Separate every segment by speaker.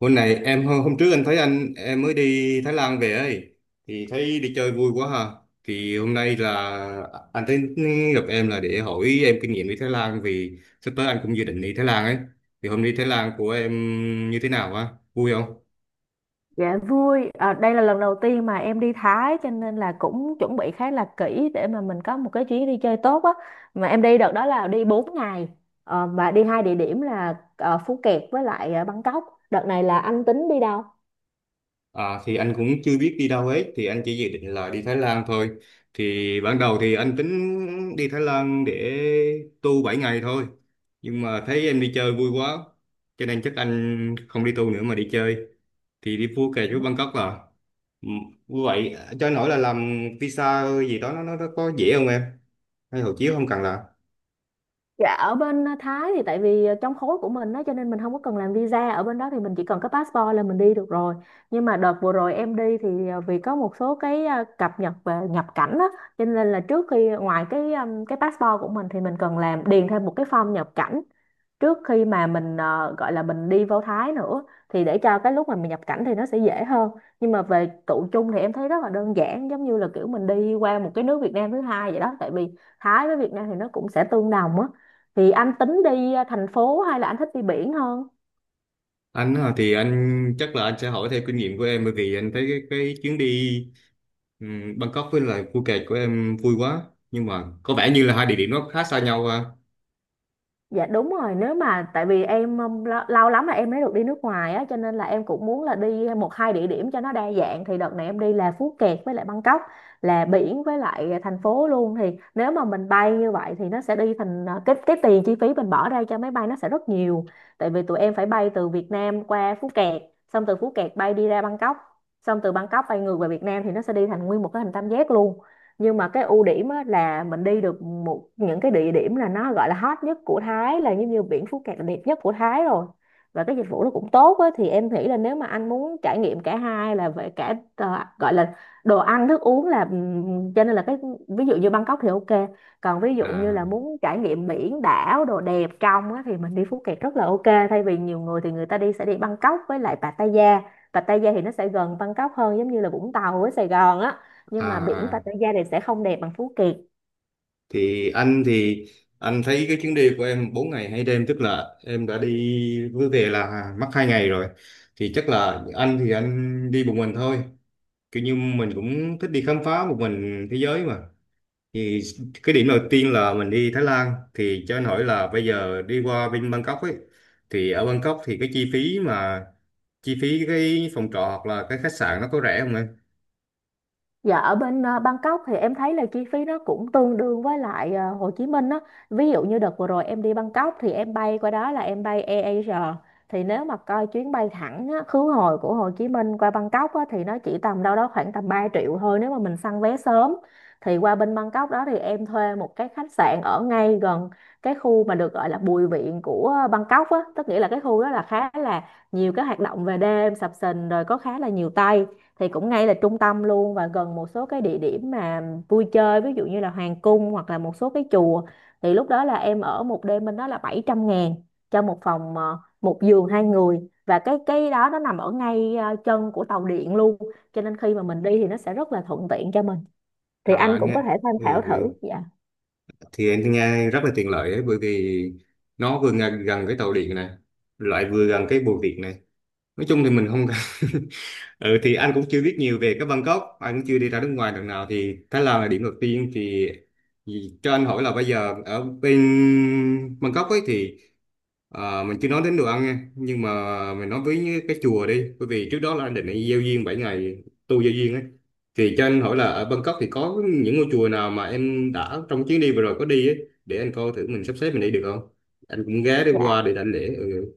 Speaker 1: Hôm trước anh thấy em mới đi Thái Lan về ấy thì thấy đi chơi vui quá ha. Thì hôm nay là anh thấy gặp em là để hỏi em kinh nghiệm đi Thái Lan vì sắp tới anh cũng dự định đi Thái Lan ấy. Thì hôm đi Thái Lan của em như thế nào ha? Vui không?
Speaker 2: Dạ vui, à, đây là lần đầu tiên mà em đi Thái cho nên là cũng chuẩn bị khá là kỹ để mà mình có một cái chuyến đi chơi tốt á. Mà em đi đợt đó là đi 4 ngày. Và đi hai địa điểm là Phú Kẹt với lại Bangkok. Đợt này là anh tính đi đâu?
Speaker 1: À thì anh cũng chưa biết đi đâu hết thì anh chỉ dự định là đi Thái Lan thôi. Thì ban đầu thì anh tính đi Thái Lan để tu 7 ngày thôi. Nhưng mà thấy em đi chơi vui quá cho nên chắc anh không đi tu nữa mà đi chơi thì đi Phuket kẹt với Bangkok là Ừ, vậy cho nổi là làm visa gì đó nó có dễ không em, hay hộ chiếu không cần làm?
Speaker 2: Dạ ở bên Thái thì tại vì trong khối của mình đó, cho nên mình không có cần làm visa ở bên đó, thì mình chỉ cần có passport là mình đi được rồi, nhưng mà đợt vừa rồi em đi thì vì có một số cái cập nhật về nhập cảnh đó, cho nên là trước khi ngoài cái passport của mình thì mình cần làm điền thêm một cái form nhập cảnh trước khi mà mình gọi là mình đi vào Thái nữa, thì để cho cái lúc mà mình nhập cảnh thì nó sẽ dễ hơn. Nhưng mà về tụ chung thì em thấy rất là đơn giản, giống như là kiểu mình đi qua một cái nước Việt Nam thứ hai vậy đó, tại vì Thái với Việt Nam thì nó cũng sẽ tương đồng á. Thì anh tính đi thành phố hay là anh thích đi biển hơn?
Speaker 1: Anh hả, thì anh chắc là anh sẽ hỏi theo kinh nghiệm của em bởi vì anh thấy cái chuyến đi, Bangkok với lại Phuket kẹt của em vui quá, nhưng mà có vẻ như là hai địa điểm nó khá xa nhau ha.
Speaker 2: Dạ đúng rồi, nếu mà tại vì em lâu lắm là em mới được đi nước ngoài á, cho nên là em cũng muốn là đi một hai địa điểm cho nó đa dạng. Thì đợt này em đi là Phú Kẹt với lại Bangkok, là biển với lại thành phố luôn, thì nếu mà mình bay như vậy thì nó sẽ đi thành cái tiền chi phí mình bỏ ra cho máy bay nó sẽ rất nhiều, tại vì tụi em phải bay từ Việt Nam qua Phú Kẹt, xong từ Phú Kẹt bay đi ra Bangkok, xong từ Bangkok bay ngược về Việt Nam, thì nó sẽ đi thành nguyên một cái hình tam giác luôn. Nhưng mà cái ưu điểm á, là mình đi được một những cái địa điểm là nó gọi là hot nhất của Thái, là giống như biển Phú Cát là đẹp nhất của Thái rồi, và cái dịch vụ nó cũng tốt á. Thì em nghĩ là nếu mà anh muốn trải nghiệm cả hai là về cả gọi là đồ ăn thức uống là cho nên là cái ví dụ như Bangkok thì ok, còn ví dụ như là
Speaker 1: à
Speaker 2: muốn trải nghiệm biển đảo đồ đẹp trong á, thì mình đi Phú Cát rất là ok. Thay vì nhiều người thì người ta đi sẽ đi Bangkok với lại Pattaya. Pattaya thì nó sẽ gần Bangkok hơn, giống như là Vũng Tàu với Sài Gòn á,
Speaker 1: à
Speaker 2: nhưng mà biển
Speaker 1: à.
Speaker 2: Pattaya thì sẽ không đẹp bằng Phú Kiệt.
Speaker 1: Thì anh thấy cái chuyến đi của em 4 ngày hai đêm, tức là em đã đi với về là mất hai ngày rồi, thì chắc là anh đi một mình thôi, kiểu như mình cũng thích đi khám phá một mình thế giới mà. Thì cái điểm đầu tiên là mình đi Thái Lan thì cho anh hỏi là bây giờ đi qua bên Bangkok ấy, thì ở Bangkok thì cái chi phí mà chi phí cái phòng trọ hoặc là cái khách sạn nó có rẻ không em?
Speaker 2: Dạ ở bên Bangkok thì em thấy là chi phí nó cũng tương đương với lại Hồ Chí Minh á. Ví dụ như đợt vừa rồi em đi Bangkok thì em bay qua đó là em bay AirAsia, thì nếu mà coi chuyến bay thẳng á, khứ hồi của Hồ Chí Minh qua Bangkok á, thì nó chỉ tầm đâu đó khoảng tầm 3 triệu thôi nếu mà mình săn vé sớm. Thì qua bên Bangkok đó thì em thuê một cái khách sạn ở ngay gần cái khu mà được gọi là Bùi Viện của Bangkok á, tức nghĩa là cái khu đó là khá là nhiều cái hoạt động về đêm sập sình, rồi có khá là nhiều Tây, thì cũng ngay là trung tâm luôn và gần một số cái địa điểm mà vui chơi, ví dụ như là hoàng cung hoặc là một số cái chùa. Thì lúc đó là em ở một đêm bên đó là 700.000 cho một phòng một giường hai người, và cái đó nó nằm ở ngay chân của tàu điện luôn, cho nên khi mà mình đi thì nó sẽ rất là thuận tiện cho mình, thì
Speaker 1: À
Speaker 2: anh
Speaker 1: anh
Speaker 2: cũng
Speaker 1: nghe.
Speaker 2: có thể tham khảo
Speaker 1: ừ, ừ.
Speaker 2: thử. Dạ
Speaker 1: Thì anh nghe rất là tiện lợi ấy, bởi vì nó vừa gần, gần cái tàu điện này, lại vừa gần cái bưu điện này, nói chung thì mình không cần Ừ thì anh cũng chưa biết nhiều về cái Bangkok, anh cũng chưa đi ra nước ngoài lần nào thì Thái Lan là điểm đầu tiên, thì cho anh hỏi là bây giờ ở bên Bangkok ấy thì à, mình chưa nói đến đồ ăn nha, nhưng mà mình nói với cái chùa đi, bởi vì trước đó là anh định đi giao duyên 7 ngày, tu giao duyên ấy. Thì cho anh hỏi là ở Bangkok thì có những ngôi chùa nào mà em đã trong chuyến đi vừa rồi có đi ấy, để anh coi thử mình sắp xếp mình đi được không? Anh cũng ghé đi qua
Speaker 2: dạ.
Speaker 1: để đảnh lễ. Ừ.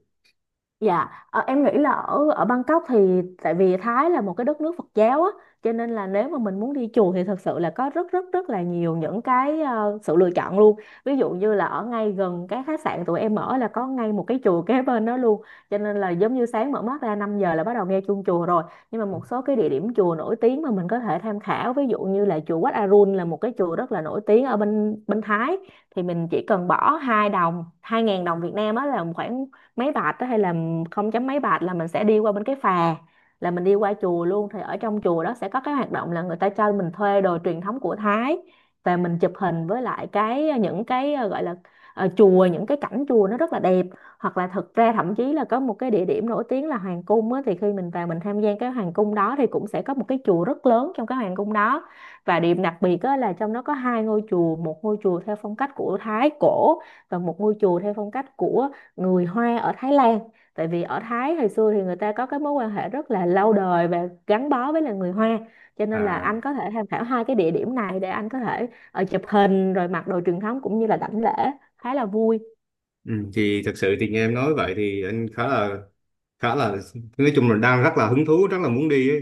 Speaker 2: Dạ, em nghĩ là ở ở Bangkok thì tại vì Thái là một cái đất nước Phật giáo á, cho nên là nếu mà mình muốn đi chùa thì thật sự là có rất rất rất là nhiều những cái sự lựa chọn luôn. Ví dụ như là ở ngay gần cái khách sạn tụi em ở là có ngay một cái chùa kế bên đó luôn. Cho nên là giống như sáng mở mắt ra 5 giờ là bắt đầu nghe chuông chùa rồi. Nhưng mà một số cái địa điểm chùa nổi tiếng mà mình có thể tham khảo, ví dụ như là chùa Wat Arun là một cái chùa rất là nổi tiếng ở bên bên Thái, thì mình chỉ cần bỏ hai đồng, 2.000 đồng Việt Nam á là khoảng mấy bạt á, hay là không chấm mấy bạt là mình sẽ đi qua bên cái phà, là mình đi qua chùa luôn. Thì ở trong chùa đó sẽ có cái hoạt động là người ta cho mình thuê đồ truyền thống của Thái và mình chụp hình với lại cái những cái gọi là chùa, những cái cảnh chùa nó rất là đẹp. Hoặc là thực ra thậm chí là có một cái địa điểm nổi tiếng là hoàng cung á, thì khi mình vào mình tham gia cái hoàng cung đó thì cũng sẽ có một cái chùa rất lớn trong cái hoàng cung đó, và điểm đặc biệt á, là trong đó có hai ngôi chùa, một ngôi chùa theo phong cách của Thái cổ và một ngôi chùa theo phong cách của người Hoa ở Thái Lan, tại vì ở Thái hồi xưa thì người ta có cái mối quan hệ rất là lâu đời và gắn bó với là người Hoa. Cho nên là
Speaker 1: À,
Speaker 2: anh có thể tham khảo hai cái địa điểm này để anh có thể chụp hình rồi mặc đồ truyền thống cũng như là đảnh lễ, khá là vui.
Speaker 1: ừ, thì thật sự thì nghe em nói vậy thì anh khá là, khá là nói chung là đang rất là hứng thú rất là muốn đi ấy.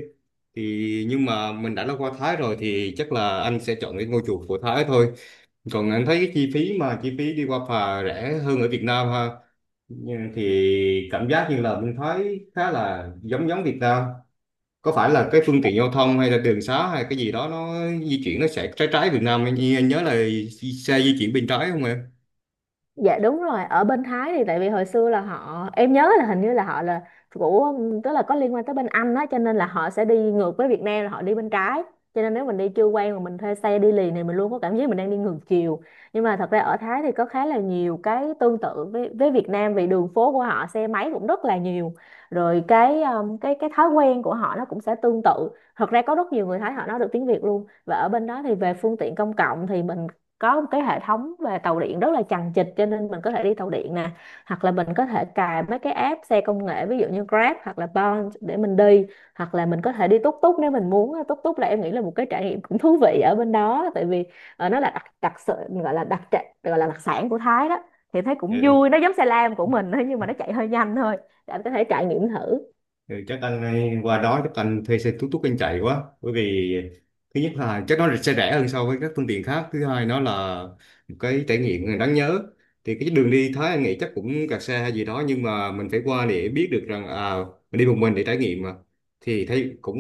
Speaker 1: Thì nhưng mà mình đã qua Thái rồi thì chắc là anh sẽ chọn cái ngôi chùa của Thái thôi. Còn anh thấy cái chi phí mà chi phí đi qua phà rẻ hơn ở Việt Nam ha. Nhưng thì cảm giác như là bên Thái khá là giống giống Việt Nam, có phải là cái
Speaker 2: Ừ.
Speaker 1: phương tiện giao thông hay là đường xá hay cái gì đó nó di chuyển, nó sẽ trái trái Việt Nam, anh nhớ là xe di chuyển bên trái không
Speaker 2: Dạ đúng rồi, ở bên Thái thì tại vì hồi xưa là họ em nhớ là hình như là họ là của, tức là có liên quan tới bên Anh đó, cho nên là họ sẽ đi ngược với Việt Nam là họ đi bên trái. Cho nên nếu mình đi chưa quen mà mình thuê xe đi liền thì mình luôn có cảm giác mình đang đi ngược chiều. Nhưng mà thật ra ở Thái thì có khá là nhiều cái tương tự với Việt Nam, vì đường phố của họ xe máy cũng rất là nhiều. Rồi cái cái thói quen của họ nó cũng sẽ tương tự. Thật ra có rất nhiều người Thái họ nói được tiếng Việt luôn. Và ở bên đó thì về phương tiện công cộng thì mình có một cái hệ thống về tàu điện rất là chằng chịt, cho nên mình có thể đi tàu điện nè, hoặc là mình có thể cài mấy cái app xe công nghệ ví dụ như Grab hoặc là Bond để mình đi, hoặc là mình có thể đi túc túc nếu mình muốn. Túc túc là em nghĩ là một cái trải nghiệm cũng thú vị ở bên đó, tại vì nó là đặc đặc sự gọi là đặc trệ- gọi là đặc sản của Thái đó, thì thấy cũng
Speaker 1: em?
Speaker 2: vui, nó giống xe lam của mình thôi nhưng mà nó chạy hơi nhanh thôi, để em có thể trải nghiệm thử.
Speaker 1: Ừ, chắc anh ờ, qua đó chắc anh thuê xe tút tút anh chạy quá, bởi vì thứ nhất là chắc nó sẽ rẻ hơn so với các phương tiện khác, thứ hai nó là một cái trải nghiệm đáng nhớ. Thì cái đường đi Thái anh nghĩ chắc cũng kẹt xe hay gì đó, nhưng mà mình phải qua để biết được rằng à, mình đi một mình để trải nghiệm mà. Thì thấy cũng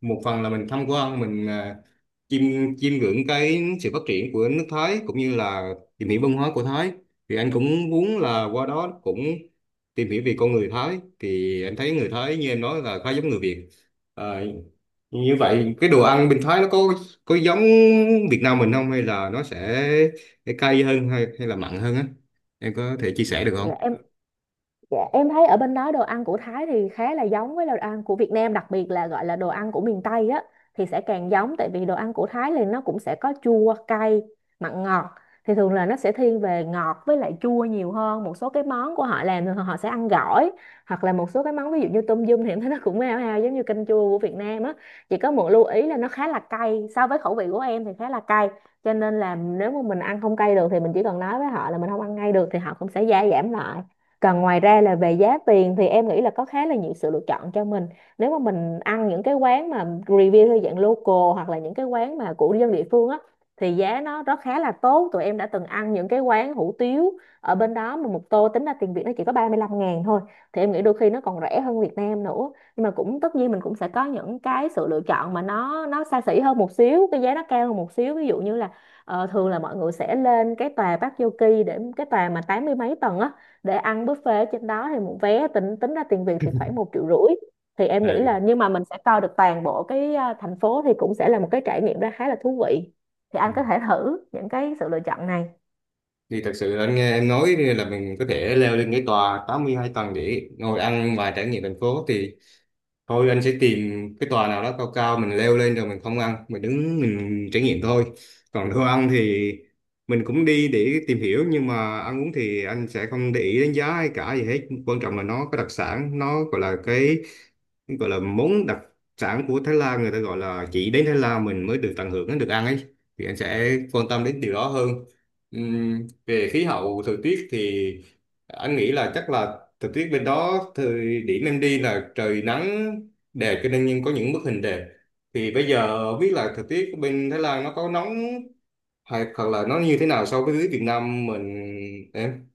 Speaker 1: một phần là mình tham quan mình à, chiêm chiêm ngưỡng cái sự phát triển của nước Thái, cũng như là tìm hiểu văn hóa của Thái. Thì anh cũng muốn là qua đó cũng tìm hiểu về con người Thái, thì anh thấy người Thái như em nói là khá giống người Việt. À, như vậy cái đồ ăn bên Thái nó có giống Việt Nam mình không, hay là nó sẽ cay hơn hay hay là mặn hơn á, em có thể chia sẻ được không?
Speaker 2: Dạ, em Dạ, em thấy ở bên đó đồ ăn của Thái thì khá là giống với đồ ăn của Việt Nam, đặc biệt là gọi là đồ ăn của miền Tây á thì sẽ càng giống, tại vì đồ ăn của Thái thì nó cũng sẽ có chua, cay, mặn ngọt. Thì thường là nó sẽ thiên về ngọt với lại chua nhiều hơn. Một số cái món của họ làm thì họ sẽ ăn gỏi, hoặc là một số cái món ví dụ như tôm yum thì em thấy nó cũng hao hao giống như canh chua của Việt Nam á. Chỉ có một lưu ý là nó khá là cay, so với khẩu vị của em thì khá là cay. Cho nên là nếu mà mình ăn không cay được thì mình chỉ cần nói với họ là mình không ăn ngay được thì họ cũng sẽ gia giảm lại. Còn ngoài ra là về giá tiền thì em nghĩ là có khá là nhiều sự lựa chọn cho mình. Nếu mà mình ăn những cái quán mà review theo dạng local hoặc là những cái quán mà của dân địa phương á thì giá nó rất khá là tốt. Tụi em đã từng ăn những cái quán hủ tiếu ở bên đó mà một tô tính ra tiền Việt nó chỉ có 35.000 thôi. Thì em nghĩ đôi khi nó còn rẻ hơn Việt Nam nữa. Nhưng mà cũng tất nhiên mình cũng sẽ có những cái sự lựa chọn mà nó xa xỉ hơn một xíu, cái giá nó cao hơn một xíu. Ví dụ như là thường là mọi người sẽ lên cái tòa Park Yogi, để cái tòa mà tám mươi mấy tầng á để ăn buffet ở trên đó, thì một vé tính tính ra tiền Việt thì khoảng 1.500.000, thì em nghĩ
Speaker 1: Ừ.
Speaker 2: là, nhưng mà mình sẽ coi được toàn bộ cái thành phố, thì cũng sẽ là một cái trải nghiệm ra khá là thú vị, thì anh có thể thử những cái sự lựa chọn này.
Speaker 1: Thì thật sự là anh nghe em nói là mình có thể leo lên cái tòa 82 tầng để ngồi ăn và trải nghiệm thành phố thì thôi anh sẽ tìm cái tòa nào đó cao cao mình leo lên rồi mình không ăn, mình đứng mình trải nghiệm thôi. Còn đồ ăn thì mình cũng đi để tìm hiểu, nhưng mà ăn uống thì anh sẽ không để ý đến giá hay cả gì hết. Quan trọng là nó có đặc sản, nó gọi là món đặc sản của Thái Lan, người ta gọi là chỉ đến Thái Lan mình mới được tận hưởng, mới được ăn ấy, thì anh sẽ quan tâm đến điều đó hơn. Về khí hậu thời tiết thì anh nghĩ là chắc là thời tiết bên đó thời điểm em đi là trời nắng đẹp, cho nên nhưng có những bức hình đẹp. Thì bây giờ không biết là thời tiết bên Thái Lan nó có nóng hay hoặc là nó như thế nào so với Việt Nam mình, em?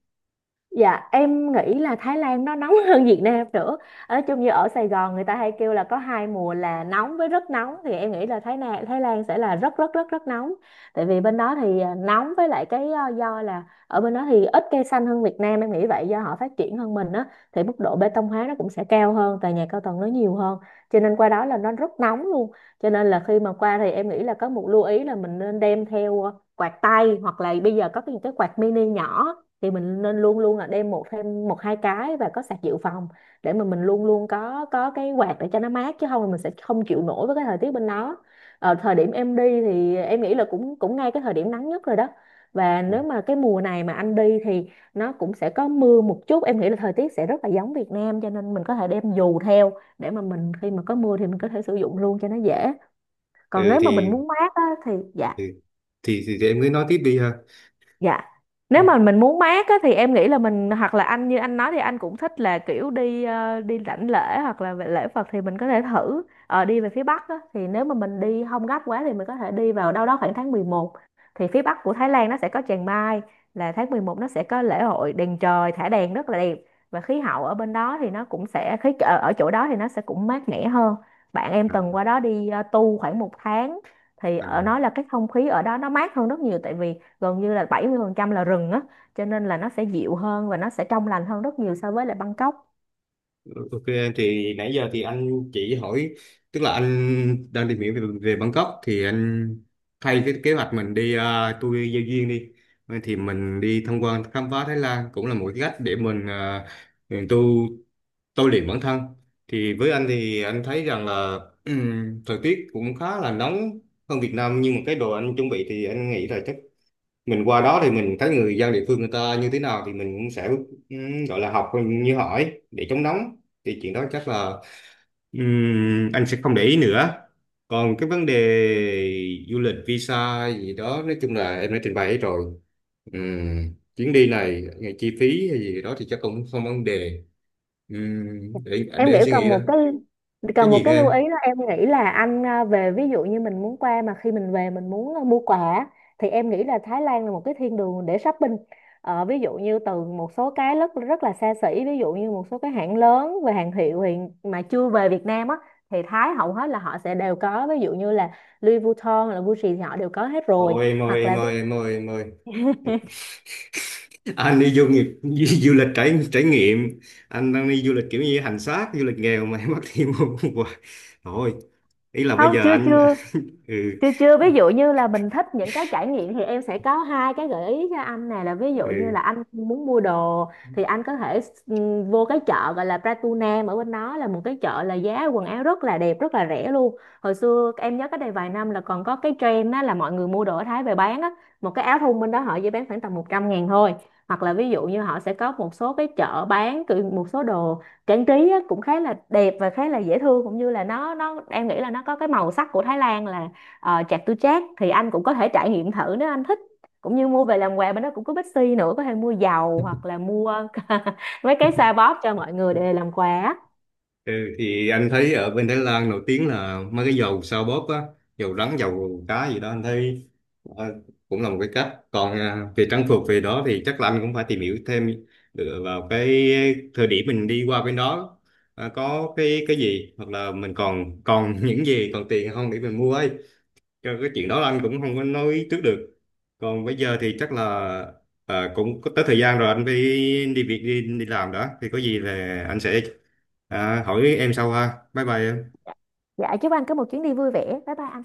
Speaker 2: Dạ em nghĩ là Thái Lan nó nóng hơn Việt Nam nữa. Nói chung như ở Sài Gòn người ta hay kêu là có hai mùa, là nóng với rất nóng. Thì em nghĩ là Thái Lan, Thái Lan sẽ là rất rất rất rất nóng. Tại vì bên đó thì nóng, với lại cái do là ở bên đó thì ít cây xanh hơn Việt Nam. Em nghĩ vậy do họ phát triển hơn mình á. Thì mức độ bê tông hóa nó cũng sẽ cao hơn, tòa nhà cao tầng nó nhiều hơn. Cho nên qua đó là nó rất nóng luôn. Cho nên là khi mà qua thì em nghĩ là có một lưu ý là mình nên đem theo quạt tay. Hoặc là bây giờ có cái quạt mini nhỏ, thì mình nên luôn luôn là đem một thêm một hai cái và có sạc dự phòng, để mà mình luôn luôn có cái quạt để cho nó mát, chứ không thì mình sẽ không chịu nổi với cái thời tiết bên đó. Thời điểm em đi thì em nghĩ là cũng cũng ngay cái thời điểm nắng nhất rồi đó. Và nếu mà cái mùa này mà anh đi thì nó cũng sẽ có mưa một chút, em nghĩ là thời tiết sẽ rất là giống Việt Nam, cho nên mình có thể đem dù theo, để mà mình khi mà có mưa thì mình có thể sử dụng luôn cho nó dễ. Còn
Speaker 1: Ừ
Speaker 2: nếu mà mình
Speaker 1: thì
Speaker 2: muốn mát á, thì dạ.
Speaker 1: thì thì em cứ nói tiếp đi ha.
Speaker 2: Dạ. Nếu mà
Speaker 1: Ừ.
Speaker 2: mình muốn mát á, thì em nghĩ là mình, hoặc là anh như anh nói thì anh cũng thích là kiểu đi, đi rảnh lễ hoặc là về lễ Phật, thì mình có thể thử đi về phía Bắc á, thì nếu mà mình đi không gấp quá thì mình có thể đi vào đâu đó khoảng tháng 11. Thì phía Bắc của Thái Lan nó sẽ có Chiang Mai, là tháng 11 nó sẽ có lễ hội đèn trời, thả đèn rất là đẹp. Và khí hậu ở bên đó thì nó cũng sẽ, khí ở ở chỗ đó thì nó sẽ cũng mát mẻ hơn. Bạn em
Speaker 1: À,
Speaker 2: từng qua đó đi tu khoảng một tháng, thì
Speaker 1: à.
Speaker 2: ở nói là cái không khí ở đó nó mát hơn rất nhiều, tại vì gần như là 70% là rừng á, cho nên là nó sẽ dịu hơn và nó sẽ trong lành hơn rất nhiều so với lại Bangkok.
Speaker 1: Ok, thì nãy giờ thì anh chỉ hỏi, tức là anh đang tìm hiểu về, Bangkok, thì anh thay cái kế hoạch mình đi tour giao duyên đi. Vậy thì mình đi tham quan khám phá Thái Lan cũng là một cái cách để mình à, mình tu tôi luyện bản thân. Thì với anh thì anh thấy rằng là thời tiết cũng khá là nóng hơn Việt Nam, nhưng mà cái đồ anh chuẩn bị thì anh nghĩ là chắc mình qua đó thì mình thấy người dân địa phương người ta như thế nào thì mình cũng sẽ gọi là học như hỏi để chống nóng, thì chuyện đó chắc là anh sẽ không để ý nữa. Còn cái vấn đề du lịch visa gì đó nói chung là em đã trình bày hết rồi. Chuyến đi này ngày chi phí hay gì đó thì chắc cũng không vấn đề. Để
Speaker 2: Em nghĩ
Speaker 1: anh suy nghĩ đó. Cái
Speaker 2: cần một
Speaker 1: gì nữa
Speaker 2: cái lưu
Speaker 1: em?
Speaker 2: ý đó, em nghĩ là anh về, ví dụ như mình muốn qua mà khi mình về mình muốn mua quà á, thì em nghĩ là Thái Lan là một cái thiên đường để shopping. Ờ, ví dụ như từ một số cái rất rất là xa xỉ, ví dụ như một số cái hãng lớn và hàng hiệu hiện mà chưa về Việt Nam á, thì Thái hầu hết là họ sẽ đều có. Ví dụ như là Louis Vuitton là Gucci thì họ đều có hết rồi.
Speaker 1: Ôi em ơi
Speaker 2: Hoặc
Speaker 1: em
Speaker 2: là,
Speaker 1: ơi em ơi em ơi, anh đi du nghiệp du lịch trải trải nghiệm, anh đang đi du lịch kiểu như hành xác, du lịch nghèo mà em bắt thêm một hoài. Thôi ý là bây
Speaker 2: không,
Speaker 1: giờ
Speaker 2: chưa
Speaker 1: anh
Speaker 2: chưa
Speaker 1: ừ,
Speaker 2: chưa chưa, ví dụ như là mình thích những cái trải nghiệm thì em sẽ có hai cái gợi ý cho anh này, là ví
Speaker 1: ừ,
Speaker 2: dụ như là anh muốn mua đồ thì anh có thể, ừ, vô cái chợ gọi là Pratunam, ở bên đó là một cái chợ là giá quần áo rất là đẹp rất là rẻ luôn. Hồi xưa em nhớ cách đây vài năm là còn có cái trend đó, là mọi người mua đồ ở Thái về bán á, một cái áo thun bên đó họ chỉ bán khoảng tầm 100.000 thôi. Hoặc là ví dụ như họ sẽ có một số cái chợ bán kiểu một số đồ trang trí á, cũng khá là đẹp và khá là dễ thương, cũng như là nó em nghĩ là nó có cái màu sắc của Thái Lan là, chạc tư trác, thì anh cũng có thể trải nghiệm thử nếu anh thích, cũng như mua về làm quà. Bên đó cũng có Bixi nữa, có thể mua dầu hoặc là mua mấy cái xoa bóp cho mọi người để làm quà á.
Speaker 1: ừ, thì anh thấy ở bên Thái Lan nổi tiếng là mấy cái dầu sao bóp á, dầu rắn dầu cá gì đó anh thấy ờ, cũng là một cái cách. Còn à, về trang phục về đó thì chắc là anh cũng phải tìm hiểu thêm dựa vào cái thời điểm mình đi qua bên đó à, có cái gì hoặc là mình còn còn những gì còn tiền không để mình mua ấy. Cho cái chuyện đó là anh cũng không có nói trước được. Còn bây giờ thì chắc là à, cũng có tới thời gian rồi anh phải đi việc đi, đi làm đó. Thì có gì là anh sẽ à, hỏi em sau ha. Bye bye em.
Speaker 2: Dạ chúc anh có một chuyến đi vui vẻ, bye bye anh.